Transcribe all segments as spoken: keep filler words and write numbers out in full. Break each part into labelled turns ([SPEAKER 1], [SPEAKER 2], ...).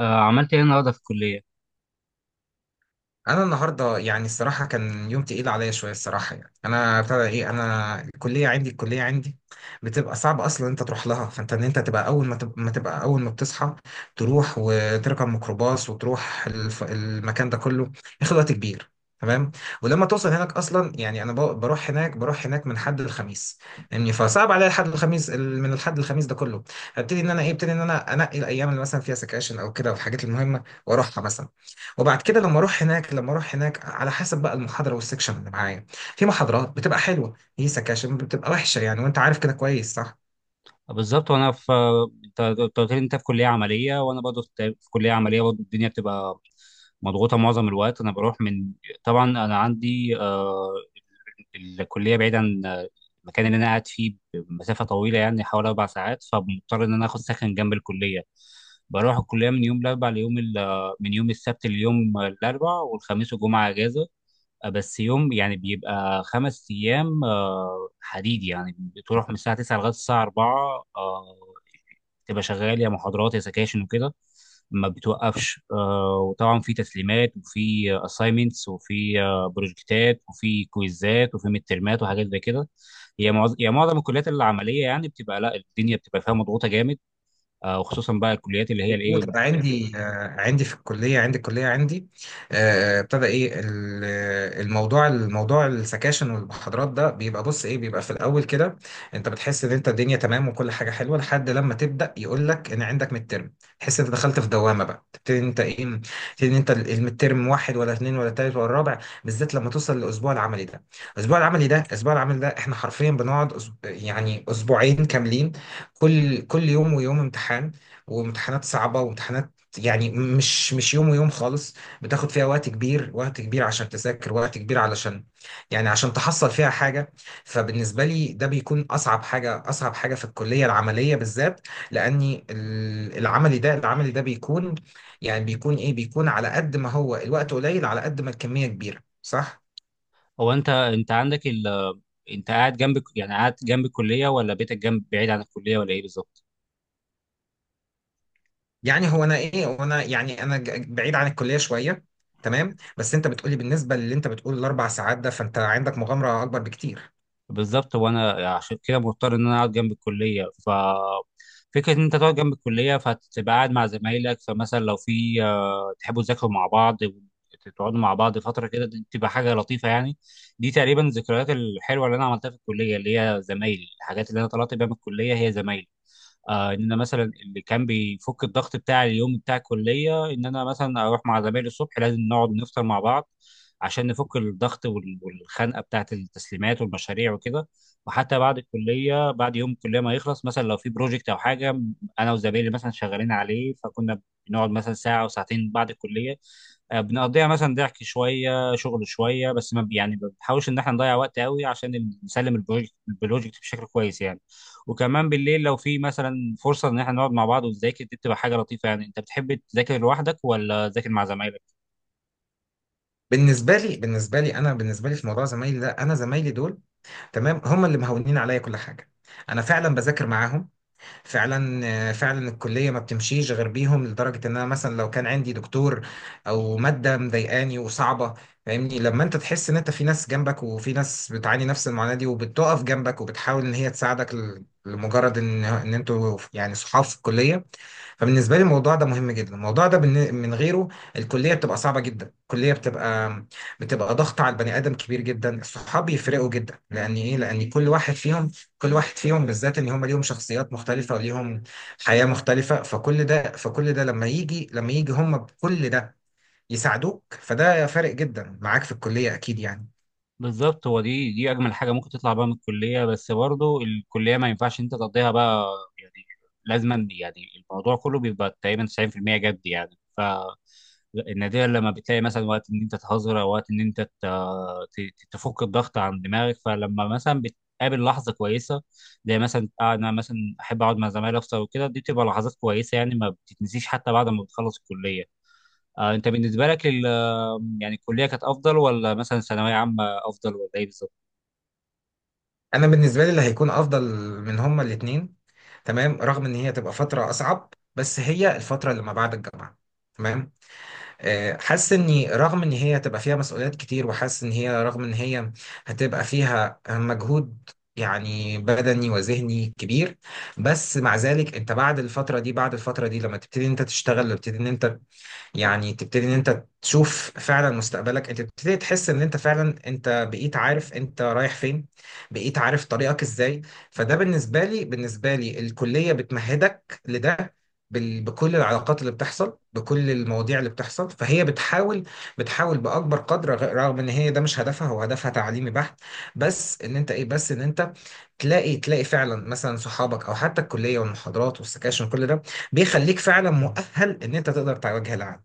[SPEAKER 1] آه، عملت ايه النهارده في الكليه؟
[SPEAKER 2] انا النهارده، يعني الصراحه كان يوم تقيل عليا شويه الصراحه. يعني انا ابتدى ايه انا الكليه عندي، الكليه عندي بتبقى صعب اصلا انت تروح لها. فانت ان انت تبقى اول ما تبقى, ما تبقى اول ما بتصحى تروح وتركب ميكروباص وتروح الف... المكان ده كله، ياخد وقت كبير. تمام. ولما توصل هناك اصلا، يعني انا ب- بروح هناك، بروح هناك من حد الخميس. يعني فصعب عليا الحد الخميس ال- من الحد الخميس ده كله. هبتدي ان انا ايه ابتدي ان انا انقي الايام اللي مثلا فيها سكاشن او كده والحاجات المهمه واروحها مثلا. وبعد كده لما اروح هناك لما اروح هناك، على حسب بقى المحاضره والسكشن اللي معايا. في محاضرات بتبقى حلوه، هي سكاشن بتبقى وحشه يعني، وانت عارف كده كويس، صح؟
[SPEAKER 1] آه، بالظبط. وانا في، انت أنت قلت لي انت في كليه عمليه وانا برضه في في كليه عمليه برضه. الدنيا بتبقى مضغوطه معظم الوقت. انا بروح من، طبعا انا عندي آه، الكليه بعيد عن آه، المكان اللي انا قاعد فيه بمسافه طويله، يعني حوالي اربع ساعات، فمضطر ان انا اخد سكن جنب الكليه. بروح الكليه من يوم الاربعاء ليوم ال- آه، من يوم السبت ليوم الاربعاء، والخميس والجمعه اجازه. آه، بس يوم يعني بيبقى خمس ايام آه، حديد، يعني بتروح من الساعه التسعه لغايه الساعه اربعه. آه، تبقى شغال يا محاضرات يا سكاشن وكده، ما بتوقفش. آه، وطبعا في تسليمات، وفي اساينمنتس، وفي آه، بروجكتات، وفي كويزات، وفي مترمات، وحاجات زي كده. هي معظم هي معظم الكليات العمليه يعني بتبقى، لا، الدنيا بتبقى فيها مضغوطه جامد. آه، وخصوصا بقى الكليات اللي هي الايه.
[SPEAKER 2] مظبوط. انا عندي آه، عندي في الكليه، عندي الكليه عندي آه، ابتدى ايه ال- الموضوع. الموضوع السكاشن والمحاضرات ده بيبقى بص ايه بيبقى في الاول كده، انت بتحس ان انت الدنيا تمام وكل حاجه حلوه، لحد لما تبدا يقول لك ان عندك ميد ترم. تحس انت دخلت في دوامه بقى، تبتدي انت ايه تبتدي ان انت الميد ترم واحد ولا اثنين ولا ثالث ولا رابع، بالذات لما توصل للاسبوع العملي ده. الاسبوع العملي ده الاسبوع العملي ده احنا حرفيا بنقعد أسب- يعني اسبوعين كاملين، كل كل يوم ويوم امتحان، وامتحانات صعبة وامتحانات. يعني مش مش يوم ويوم خالص، بتاخد فيها وقت كبير، وقت كبير عشان تذاكر، وقت كبير علشان يعني عشان تحصل فيها حاجة. فبالنسبة لي ده بيكون أصعب حاجة، أصعب حاجة في الكلية العملية بالذات، لأني ال- العملي ده العملي ده بيكون، يعني بيكون إيه بيكون على قد ما هو الوقت قليل على قد ما الكمية كبيرة، صح؟
[SPEAKER 1] هو انت انت عندك ال انت قاعد جنب، يعني قاعد جنب الكليه، ولا بيتك جنب بعيد عن الكليه، ولا ايه بالظبط؟
[SPEAKER 2] يعني هو انا ايه وانا يعني انا ج- بعيد عن الكليه شويه. تمام. بس انت بتقولي بالنسبه للي انت بتقول الاربع ساعات ده، فانت عندك مغامره اكبر بكتير.
[SPEAKER 1] بالظبط، وانا عشان كده مضطر ان انا اقعد جنب الكليه. ف فكره ان انت تقعد جنب الكليه فهتبقى قاعد مع زمايلك، فمثلا لو في آه، تحبوا تذاكروا مع بعض، تقعدوا مع بعض فتره كده، دي بتبقى حاجه لطيفه يعني. دي تقريبا الذكريات الحلوه اللي انا عملتها في الكليه، اللي هي زمايلي، الحاجات اللي انا طلعت بيها من الكليه هي زمايلي. آه، ان انا مثلا اللي كان بيفك الضغط بتاع اليوم بتاع الكليه ان انا مثلا اروح مع زمايلي الصبح، لازم نقعد نفطر مع بعض عشان نفك الضغط وال- والخنقه بتاعت التسليمات والمشاريع وكده. وحتى بعد الكليه، بعد يوم الكليه ما يخلص، مثلا لو في بروجكت او حاجه انا وزمايلي مثلا شغالين عليه، فكنا بنقعد مثلا ساعه او ساعتين بعد الكليه. آه، بنقضيها مثلا ضحك شويه شغل شويه، بس ما بي- يعني ما بنحاولش ان احنا نضيع وقت قوي عشان نسلم البروجكت البروجكت بشكل كويس يعني. وكمان بالليل لو في مثلا فرصه ان احنا نقعد مع بعض ونذاكر، دي بتبقى حاجه لطيفه يعني. انت بتحب تذاكر لوحدك، ولا تذاكر مع زمايلك؟
[SPEAKER 2] بالنسبه لي بالنسبه لي انا بالنسبه لي، في موضوع زمايلي ده، انا زمايلي دول تمام، هم اللي مهونين عليا كل حاجه. انا فعلا بذاكر معاهم. فعلا فعلا الكليه ما بتمشيش غير بيهم، لدرجه ان انا مثلا لو كان عندي دكتور او ماده مضايقاني وصعبه، فاهمني لما انت تحس ان انت في ناس جنبك وفي ناس بتعاني نفس المعاناه دي وبتقف جنبك وبتحاول ان هي تساعدك، ل- لمجرد ان ان انتوا يعني صحاب في الكليه. فبالنسبه لي الموضوع ده مهم جدا، الموضوع ده بالن- من غيره الكليه بتبقى صعبه جدا، الكليه بتبقى بتبقى ضغط على البني ادم كبير جدا. الصحاب بيفرقوا جدا، لان ايه؟ لان كل واحد فيهم، كل واحد فيهم بالذات ان هم ليهم شخصيات مختلفه وليهم حياه مختلفه، فكل ده فكل ده لما يجي لما يجي هم بكل ده يساعدوك، فده فارق جدا معاك في الكليه، اكيد يعني.
[SPEAKER 1] بالظبط. هو دي دي اجمل حاجه ممكن تطلع بقى من الكليه، بس برضو الكليه ما ينفعش انت تقضيها بقى يعني، لازما يعني. الموضوع كله بيبقى تقريبا تسعين في المئه جد يعني. ف النادرا لما بتلاقي مثلا وقت ان انت تهزر، او وقت ان انت ت- تفك الضغط عن دماغك، فلما مثلا بتقابل لحظه كويسه، زي مثلا آه، انا مثلا احب اقعد مع زمايلي افطر وكده، دي بتبقى لحظات كويسه يعني، ما بتتنسيش حتى بعد ما بتخلص الكليه. آه، انت بالنسبه لك ال- يعني الكليه كانت افضل، ولا مثلا ثانويه عامه افضل، ولا ايه بالظبط؟
[SPEAKER 2] انا بالنسبه لي اللي هيكون افضل من هما الاثنين، تمام، رغم ان هي تبقى فتره اصعب، بس هي الفتره اللي ما بعد الجامعه. تمام. آه، حاسس اني رغم ان هي هتبقى فيها مسؤوليات كتير، وحاسس ان هي رغم ان هي هتبقى فيها مجهود يعني بدني وذهني كبير، بس مع ذلك انت بعد الفترة دي، بعد الفترة دي لما تبتدي انت تشتغل، وتبتدي ان انت يعني تبتدي ان انت تشوف فعلا مستقبلك، انت تبتدي تحس ان انت فعلا انت بقيت عارف انت رايح فين، بقيت عارف طريقك ازاي. فده بالنسبة لي، بالنسبة لي الكلية بتمهدك لده بال- بكل العلاقات اللي بتحصل، بكل المواضيع اللي بتحصل. فهي بتحاول، بتحاول بأكبر قدر غ- رغم ان هي ده مش هدفها، هو هدفها تعليمي بحت، بس ان انت ايه بس ان انت تلاقي، تلاقي فعلا مثلا صحابك او حتى الكلية والمحاضرات والسكاشن، كل ده بيخليك فعلا مؤهل ان انت تقدر تواجه العالم.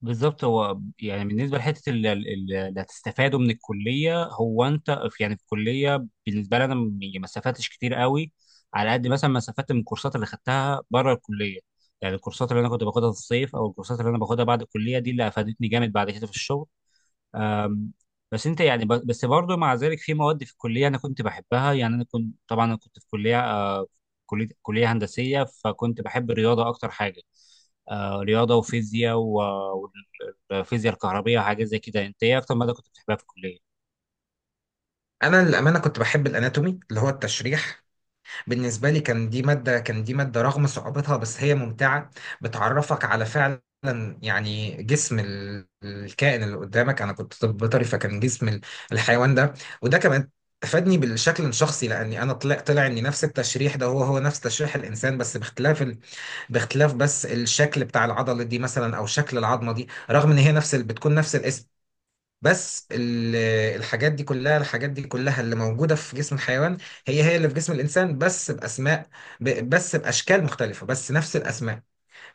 [SPEAKER 1] بالظبط. هو يعني بالنسبه لحته ال- ال- ال- اللي هتستفاده من الكليه. هو انت في، يعني في الكليه بالنسبه لي انا م- يعني ما استفدتش كتير قوي، على قد مثلا ما استفدت من الكورسات اللي خدتها بره الكليه. يعني الكورسات اللي انا كنت باخدها في الصيف، او الكورسات اللي انا باخدها بعد الكليه، دي اللي افادتني جامد بعد كده في الشغل. أم، بس انت يعني ب- بس برضه مع ذلك في مواد في الكليه انا كنت بحبها يعني. انا كنت طبعا انا كنت في كليه آه، كليه كليه هندسيه، فكنت بحب الرياضه اكتر حاجه. آه، رياضه وفيزياء، الفيزياء الكهربية وحاجات زي كده. انت ايه اكتر مادة كنت بتحبها في الكلية؟
[SPEAKER 2] انا للامانه كنت بحب الاناتومي اللي هو التشريح. بالنسبه لي كان دي ماده، كان دي ماده رغم صعوبتها بس هي ممتعه، بتعرفك على فعلا يعني جسم ال- الكائن اللي قدامك. انا كنت طب بيطري، فكان جسم ال- الحيوان ده، وده كمان فادني بالشكل الشخصي، لاني انا طلع، طلع ان نفس التشريح ده هو هو نفس تشريح الانسان، بس باختلاف ال... باختلاف بس الشكل بتاع العضله دي مثلا او شكل العظمه دي، رغم ان هي نفس ال... بتكون نفس الاسم، بس ال- الحاجات دي كلها، الحاجات دي كلها اللي موجودة في جسم الحيوان هي هي اللي في جسم الإنسان، بس بأسماء ب- بس بأشكال مختلفة بس نفس الأسماء،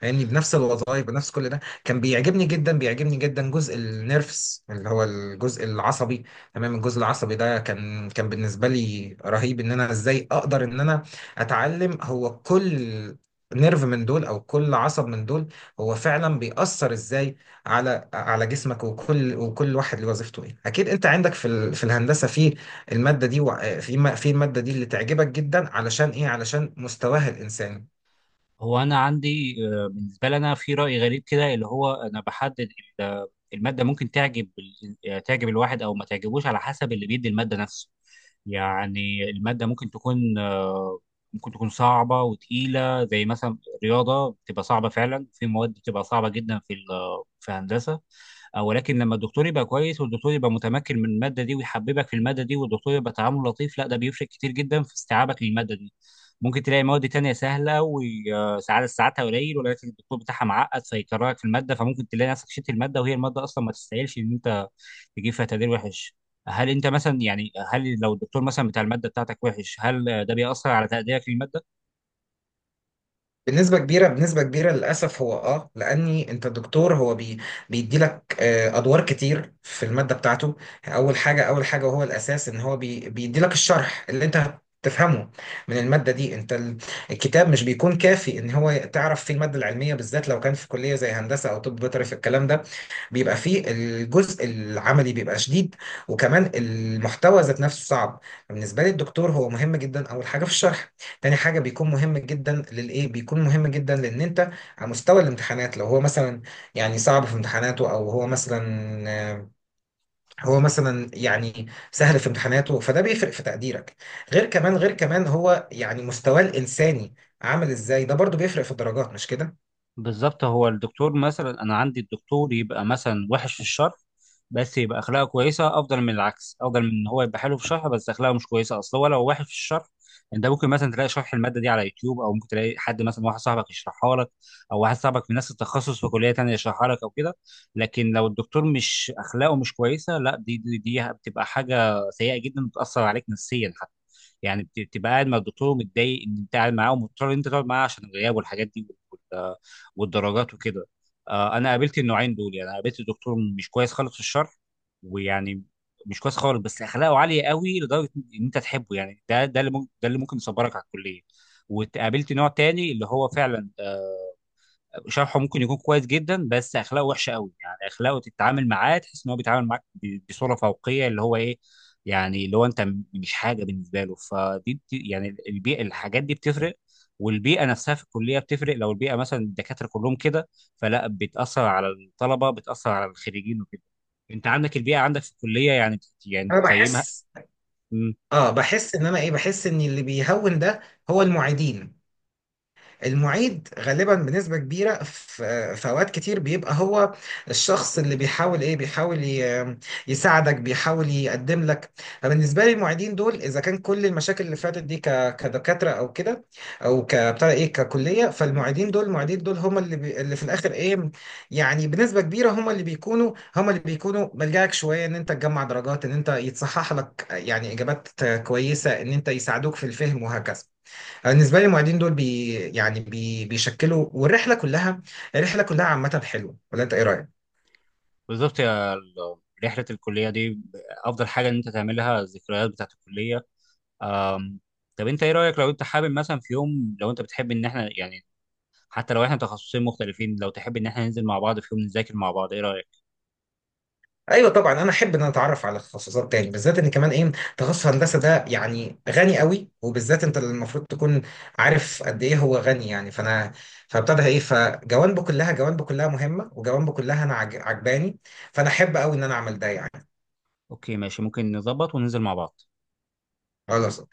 [SPEAKER 2] يعني بنفس الوظائف بنفس كل ده. كان بيعجبني جدا، بيعجبني جدا جزء النيرفس اللي هو الجزء العصبي، تمام. الجزء العصبي ده كان، كان بالنسبه لي رهيب ان انا ازاي اقدر ان انا اتعلم هو كل نيرف من دول او كل عصب من دول هو فعلا بيأثر ازاي على على جسمك، وكل وكل واحد له وظيفته ايه. اكيد انت عندك في ال... في الهندسه في الماده دي، وع- في ما- في الماده دي اللي تعجبك جدا، علشان ايه؟ علشان مستواها الانساني.
[SPEAKER 1] هو انا عندي آه، بالنسبة لي انا في رأي غريب كده، اللي هو انا بحدد ال- المادة ممكن تعجب ال- يعني تعجب الواحد او ما تعجبوش على حسب اللي بيدي المادة نفسه. يعني المادة ممكن تكون آه، ممكن تكون صعبة وتقيلة، زي مثلا رياضة بتبقى صعبة، فعلا في مواد بتبقى صعبة جدا في ال- في هندسة أو، ولكن لما الدكتور يبقى كويس، والدكتور يبقى متمكن من الماده دي ويحببك في الماده دي، والدكتور يبقى تعامله لطيف، لا، ده بيفرق كتير جدا في استيعابك للماده دي. ممكن تلاقي مواد تانية سهله وساعات ساعاتها قليل، ولكن الدكتور بتاعها معقد فيكرهك في الماده، فممكن تلاقي نفسك شلت الماده وهي الماده اصلا ما تستاهلش ان انت تجيب فيها تقدير وحش. هل انت مثلا يعني، هل لو الدكتور مثلا بتاع الماده بتاعتك وحش، هل ده بيأثر على تقديرك للماده؟
[SPEAKER 2] بنسبة كبيرة، بنسبة كبيرة للأسف، هو اه لأني أنت الدكتور هو بي بيدي لك آه، أدوار كتير في المادة بتاعته. أول حاجة، أول حاجة وهو الأساس، إن هو بي بيدي لك الشرح اللي أنت تفهمه من المادة دي. أنت ال- الكتاب مش بيكون كافي إن هو تعرف فيه المادة العلمية، بالذات لو كان في كلية زي هندسة أو طب بيطري، في الكلام ده بيبقى فيه الجزء العملي بيبقى شديد، وكمان المحتوى ذات نفسه صعب. بالنسبة لي الدكتور هو مهم جدا أول حاجة في الشرح، تاني حاجة بيكون مهم جدا للإيه؟ بيكون مهم جدا لأن أنت على مستوى الامتحانات، لو هو مثلا يعني صعب في امتحاناته، أو هو مثلا آه، هو مثلا يعني سهل في امتحاناته، فده بيفرق في تقديرك. غير كمان، غير كمان هو يعني مستواه الإنساني عامل إزاي، ده برضو بيفرق في الدرجات، مش كده؟
[SPEAKER 1] بالظبط. هو الدكتور مثلا انا عندي الدكتور يبقى مثلا وحش في الشرح، بس يبقى اخلاقه كويسه، افضل من العكس، افضل من ان هو يبقى حلو في الشرح بس اخلاقه مش كويسه. اصل هو لو وحش في الشرح انت ممكن مثلا تلاقي شرح الماده دي على يوتيوب، او ممكن تلاقي حد مثلا واحد صاحبك يشرحها لك، او واحد صاحبك من نفس التخصص في كليه تانيه يشرحها لك او كده. لكن لو الدكتور مش اخلاقه مش كويسه، لا، دي دي, دي بتبقى حاجه سيئه جدا، بتاثر عليك نفسيا حتى. يعني بت- بتبقى قاعد مع الدكتور متضايق ان انت قاعد معاه، ومضطر ان انت تقعد معاه عشان الغياب والحاجات دي والدرجات وكده. آه، انا قابلت النوعين دول. يعني أنا قابلت دكتور مش كويس خالص في الشرح، ويعني مش كويس خالص، بس اخلاقه عاليه قوي لدرجه ان انت تحبه يعني. ده ده اللي ممكن، ده اللي ممكن يصبرك على الكليه. وقابلت نوع تاني اللي هو فعلا شرحه ممكن يكون كويس جدا، بس اخلاقه وحشه قوي، يعني اخلاقه تتعامل معاه تحس ان هو بيتعامل معاك ب- بصوره فوقيه، اللي هو ايه، يعني اللي هو انت م- مش حاجه بالنسبه له. فدي بت- يعني البيئه، الحاجات دي بتفرق. والبيئه نفسها في الكليه بتفرق. لو البيئه مثلا الدكاتره كلهم كده، فلا، بتاثر على الطلبه، بتاثر على الخريجين وكده. انت عندك البيئه، عندك في الكليه، يعني بت- يعني
[SPEAKER 2] أنا
[SPEAKER 1] تقيمها؟
[SPEAKER 2] بحس،
[SPEAKER 1] مم.
[SPEAKER 2] آه بحس إن أنا إيه؟ بحس إن اللي بيهون ده هو المعيدين. المعيد غالبا بنسبة كبيرة في في أوقات كتير بيبقى هو الشخص اللي بيحاول إيه، بيحاول ي- يساعدك، بيحاول يقدم لك. فبالنسبة لي المعيدين دول إذا كان كل المشاكل اللي فاتت دي ك- كدكاترة أو كده أو كبتاع إيه ككلية، فالمعيدين دول، المعيدين دول هم اللي بي اللي في الآخر إيه، يعني بنسبة كبيرة هم اللي بيكونوا، هم اللي بيكونوا ملجأك شوية إن أنت تجمع درجات، إن أنت يتصحح لك يعني إجابات كويسة، إن أنت يساعدوك في الفهم، وهكذا. أنا بالنسبه لي المعيدين دول بي يعني بي بيشكلوا. والرحله كلها، الرحله كلها عامه حلوه، ولا انت ايه رايك؟
[SPEAKER 1] بالظبط يا ال- رحله الكليه دي افضل حاجه ان انت تعملها، الذكريات بتاعت الكليه. أم، طب انت ايه رايك لو انت حابب مثلا في يوم، لو انت بتحب ان احنا يعني، حتى لو احنا تخصصين مختلفين، لو تحب ان احنا ننزل مع بعض في يوم نذاكر مع بعض، ايه رايك؟
[SPEAKER 2] ايوه طبعا، انا احب ان انا اتعرف على تخصصات تاني، بالذات ان كمان ايه، تخصص هندسه ده يعني غني قوي، وبالذات انت المفروض تكون عارف قد ايه هو غني يعني. فانا فابتدى ايه فجوانبه كلها، جوانبه كلها مهمه وجوانبه كلها انا عج- عجباني. فانا احب قوي ان انا اعمل ده يعني.
[SPEAKER 1] اوكي ماشي، ممكن نظبط وننزل مع بعض.
[SPEAKER 2] خلاص.